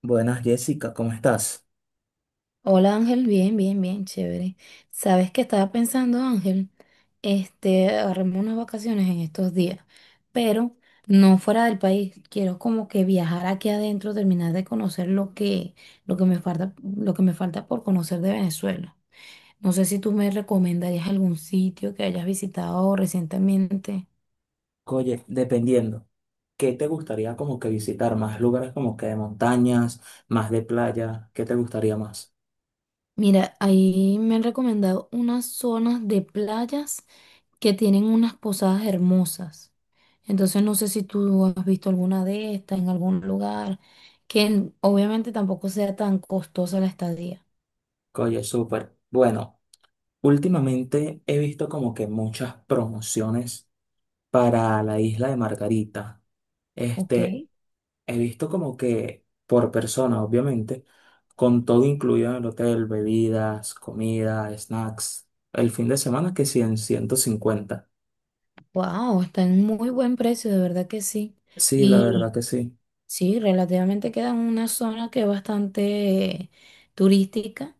Buenas, Jessica, ¿cómo estás? Hola Ángel, bien, bien, bien, chévere. ¿Sabes qué estaba pensando, Ángel? Este, agarrarme unas vacaciones en estos días, pero no fuera del país. Quiero como que viajar aquí adentro, terminar de conocer lo que me falta, lo que me falta por conocer de Venezuela. No sé si tú me recomendarías algún sitio que hayas visitado recientemente. Oye, dependiendo, ¿qué te gustaría como que visitar? ¿Más lugares como que de montañas, más de playa? ¿Qué te gustaría más? Mira, ahí me han recomendado unas zonas de playas que tienen unas posadas hermosas. Entonces no sé si tú has visto alguna de estas en algún lugar, obviamente tampoco sea tan costosa la estadía. Oye, súper. Bueno, últimamente he visto como que muchas promociones para la isla de Margarita. ¿Ok? Este, He visto como que por persona, obviamente, con todo incluido en el hotel, bebidas, comida, snacks, el fin de semana que sí en 150. Wow, está en muy buen precio, de verdad que sí. Sí, la verdad que sí. Sí, relativamente queda en una zona que es bastante turística.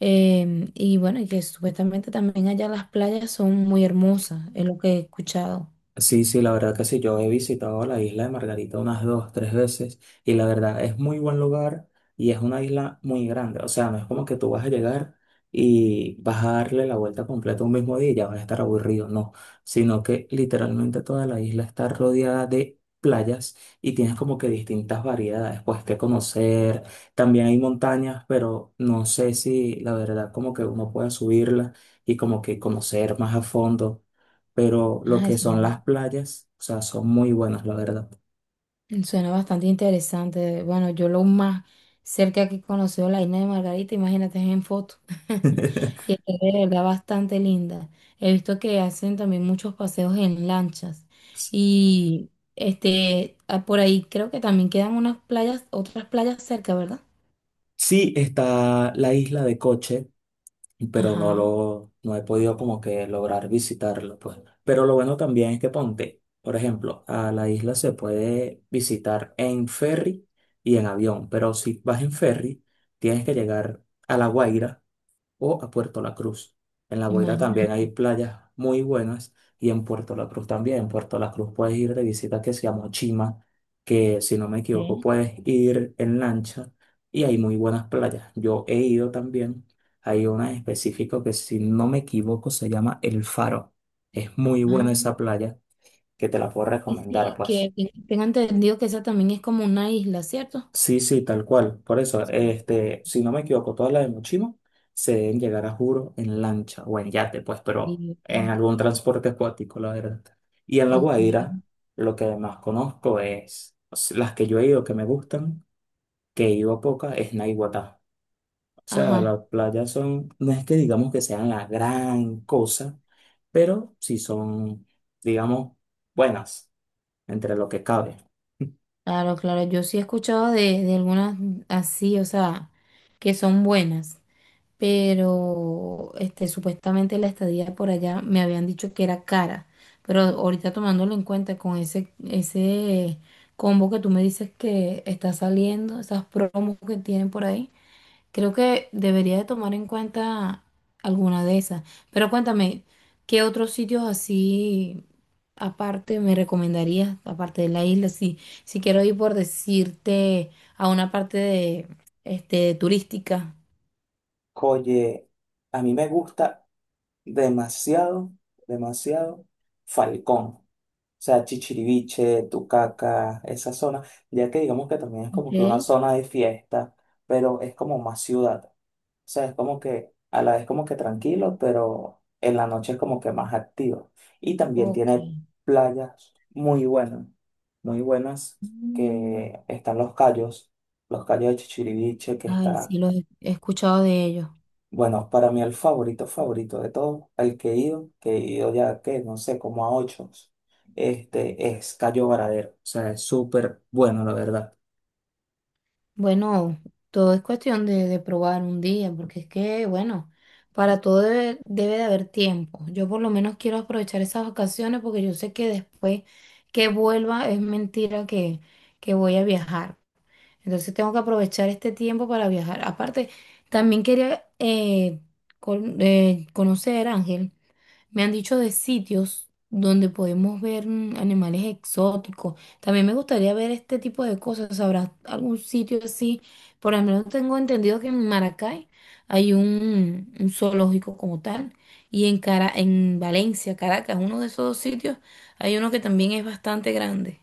Y bueno, y que supuestamente también allá las playas son muy hermosas, es lo que he escuchado. Sí, sí, la verdad que sí, yo he visitado la isla de Margarita unas dos, tres veces y la verdad es muy buen lugar y es una isla muy grande, o sea, no es como que tú vas a llegar y vas a darle la vuelta completa un mismo día y ya vas a estar aburrido, no, sino que literalmente toda la isla está rodeada de playas y tienes como que distintas variedades, pues que conocer, también hay montañas, pero no sé si la verdad como que uno pueda subirla y como que conocer más a fondo, pero lo Ah, que eso. son las playas, o sea, son muy buenas, la verdad. Suena bastante interesante. Bueno, yo lo más cerca que he conocido la isla de Margarita, imagínate, es en foto. Y es de verdad bastante linda. He visto que hacen también muchos paseos en lanchas. Y este, ah, por ahí creo que también quedan unas playas, otras playas cerca, ¿verdad? Sí, está la isla de Coche, pero Ajá, no he podido como que lograr visitarlo, pues. Pero lo bueno también es que ponte, por ejemplo, a la isla se puede visitar en ferry y en avión, pero si vas en ferry, tienes que llegar a La Guaira o a Puerto La Cruz. En La Guaira también imagínate. hay playas muy buenas y en Puerto La Cruz también. En Puerto La Cruz puedes ir de visita que se llama Chima, que si no me equivoco puedes ir en lancha y hay muy buenas playas. Yo he ido también. Hay una en específico que si no me equivoco se llama El Faro. Es muy Ah, buena esa playa, que te la puedo y recomendar, sí, pues. que tengo entendido que esa también es como una isla, ¿cierto? Sí, sí, tal cual. Por eso, si no me equivoco, todas las de Mochima se deben llegar a Juro en lancha o en yate, pues, Sí, pero en ¿verdad? algún transporte acuático, la verdad. Y en La Ok. Guaira, lo que más conozco es las que yo he ido que me gustan, que he ido a poca, es Naiguatá. O sea, Ajá. las playas son, no es que digamos que sean la gran cosa, pero sí son, digamos, buenas entre lo que cabe. Claro, claro, yo sí he escuchado de algunas así, o sea, que son buenas, pero este, supuestamente la estadía por allá me habían dicho que era cara, pero ahorita tomándolo en cuenta con ese combo que tú me dices que está saliendo, esas promos que tienen por ahí. Creo que debería de tomar en cuenta alguna de esas. Pero cuéntame, ¿qué otros sitios así aparte me recomendarías, aparte de la isla? Si, si quiero ir por decirte a una parte de, este, turística. Oye, a mí me gusta demasiado, demasiado Falcón. O sea, Chichiriviche, Tucaca, esa zona, ya que digamos que también es como que una Ok, zona de fiesta, pero es como más ciudad. O sea, es como que a la vez como que tranquilo, pero en la noche es como que más activo. Y también ok. tiene playas muy buenas, Mm, que están los cayos de Chichiriviche, que ay, está sí, los he he escuchado de ellos. bueno, para mí el favorito, favorito de todos, el que he ido ya que no sé, como a ocho, es Cayo Varadero. O sea, es súper bueno, la verdad. Bueno, todo es cuestión de probar un día, porque es que, bueno, para todo debe de haber tiempo. Yo por lo menos quiero aprovechar esas vacaciones porque yo sé que después que vuelva es mentira que voy a viajar. Entonces tengo que aprovechar este tiempo para viajar. Aparte, también quería conocer, Ángel. Me han dicho de sitios donde podemos ver animales exóticos. También me gustaría ver este tipo de cosas. ¿Habrá algún sitio así? Por lo menos tengo entendido que en Maracay hay un zoológico como tal. Y en Cara, en Valencia, Caracas, uno de esos dos sitios, hay uno que también es bastante grande.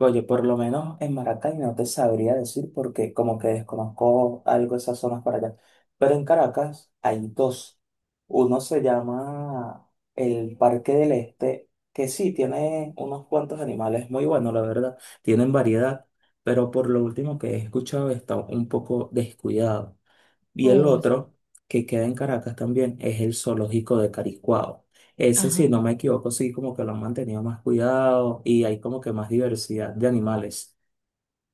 Oye, por lo menos en Maracay no te sabría decir porque como que desconozco algo de esas zonas para allá. Pero en Caracas hay dos. Uno se llama el Parque del Este, que sí, tiene unos cuantos animales muy buenos, la verdad. Tienen variedad, pero por lo último que he escuchado está un poco descuidado. Y el Oh, otro, que queda en Caracas también, es el zoológico de Caricuao. Ese, si ajá, no me equivoco, sí como que lo han mantenido más cuidado y hay como que más diversidad de animales.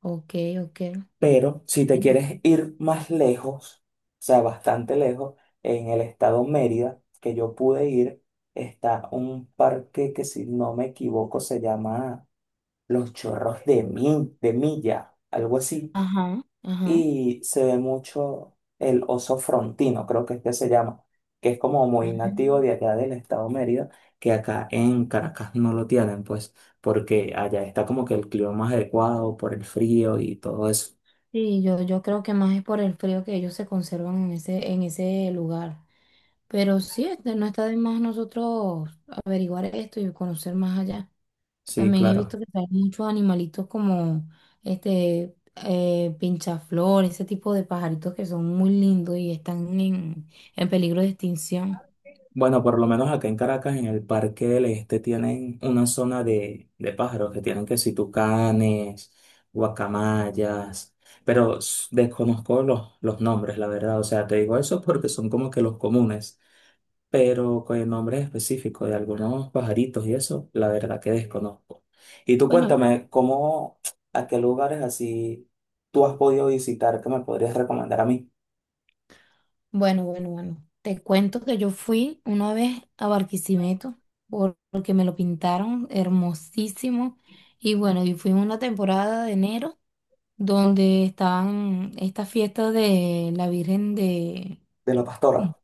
ok, ok. Pero si te Bueno. quieres ir más lejos, o sea, bastante lejos, en el estado Mérida, que yo pude ir, está un parque que si no me equivoco se llama Los Chorros de, de Milla, algo así, Ajá, ajá. y se ve mucho el oso frontino, creo que es que se llama, que es como muy nativo Mm. de allá del estado Mérida, que acá en Caracas no lo tienen, pues, porque allá está como que el clima más adecuado por el frío y todo eso. Sí, yo creo que más es por el frío que ellos se conservan en en ese lugar. Pero sí, este, no está de más nosotros averiguar esto y conocer más allá. Sí, También he visto claro. que hay muchos animalitos como este pinchaflor, ese tipo de pajaritos que son muy lindos y están en peligro de extinción. Bueno, por lo menos acá en Caracas, en el Parque del Este, tienen una zona de pájaros que tienen que si tucanes, guacamayas, pero desconozco los nombres, la verdad. O sea, te digo eso porque son como que los comunes, pero con nombres específicos de algunos pajaritos y eso, la verdad que desconozco. Y tú Bueno, cuéntame, ¿cómo, a qué lugares así tú has podido visitar que me podrías recomendar a mí bueno, bueno, bueno. Te cuento que yo fui una vez a Barquisimeto porque me lo pintaron hermosísimo. Y bueno, y fui en una temporada de enero donde estaban estas fiestas de la Virgen de la pastora?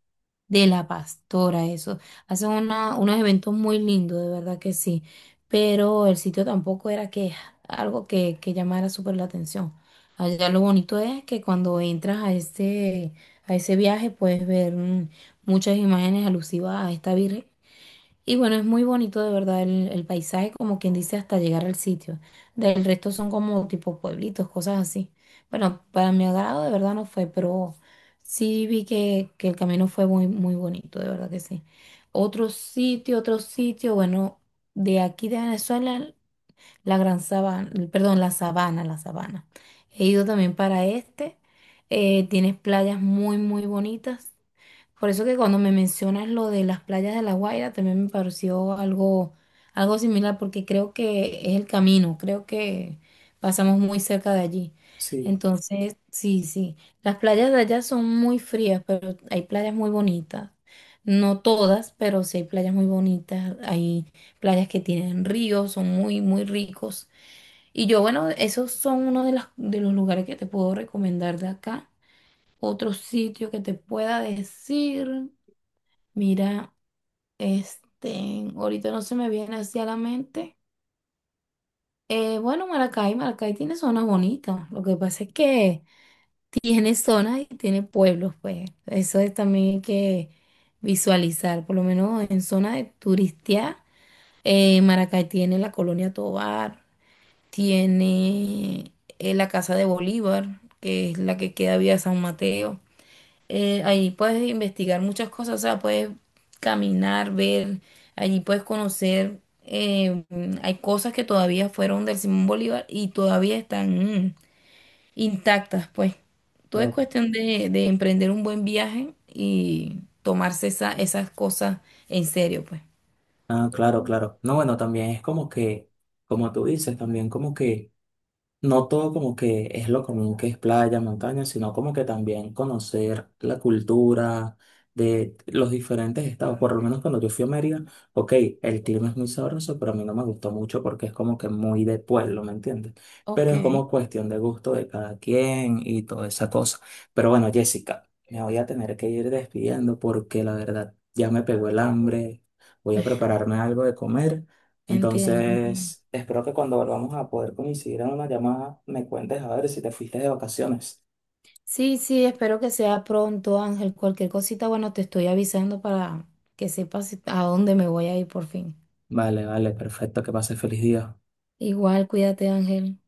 de la Pastora, eso. Hacen unos eventos muy lindos, de verdad que sí. Pero el sitio tampoco era que algo que llamara súper la atención. Allá lo bonito es que cuando entras a ese viaje puedes ver muchas imágenes alusivas a esta Virgen y bueno, es muy bonito de verdad el paisaje, como quien dice, hasta llegar al sitio. Del resto son como tipo pueblitos, cosas así. Bueno, para mi agrado de verdad no fue, pero sí vi que el camino fue muy, muy bonito, de verdad que sí. Otro sitio, bueno, de aquí de Venezuela, la Gran Sabana, perdón, la Sabana, la Sabana. He ido también para este. Tienes playas muy, muy bonitas. Por eso que cuando me mencionas lo de las playas de La Guaira, también me pareció algo, algo similar, porque creo que es el camino, creo que pasamos muy cerca de allí. Sí. Entonces, sí, sí, las playas de allá son muy frías, pero hay playas muy bonitas. No todas, pero sí hay playas muy bonitas, hay playas que tienen ríos, son muy, muy ricos. Y yo, bueno, esos son uno de los lugares que te puedo recomendar de acá. Otro sitio que te pueda decir. Mira, este, ahorita no se me viene así a la mente. Bueno, Maracay, Maracay tiene zonas bonitas. Lo que pasa es que tiene zonas y tiene pueblos, pues. Eso es también hay que visualizar. Por lo menos en zona de turistía, Maracay tiene la Colonia Tovar, tiene la Casa de Bolívar, que es la que queda vía San Mateo. Allí puedes investigar muchas cosas, o sea, puedes caminar, ver, allí puedes conocer, hay cosas que todavía fueron del Simón Bolívar y todavía están mm, intactas, pues. Todo es Ah, cuestión de emprender un buen viaje y tomarse esas cosas en serio, pues. Claro, claro. No, bueno, también es como que, como tú dices, también como que no todo como que es lo común que es playa, montaña, sino como que también conocer la cultura de los diferentes estados. Por lo menos cuando yo fui a Mérida, ok, el clima es muy sabroso, pero a mí no me gustó mucho porque es como que muy de pueblo, ¿me entiendes? Pero Ok, es como cuestión de gusto de cada quien y toda esa cosa. Pero bueno, Jessica, me voy a tener que ir despidiendo porque la verdad ya me pegó el hambre. Voy a prepararme algo de comer. entiendo, entiendo. Entonces, espero que cuando volvamos a poder coincidir en una llamada, me cuentes a ver si te fuiste de vacaciones. Sí, sí, espero que sea pronto, Ángel. Cualquier cosita, bueno, te estoy avisando para que sepas a dónde me voy a ir por fin. Vale, vale, perfecto, que pases feliz día. Igual, cuídate, Ángel.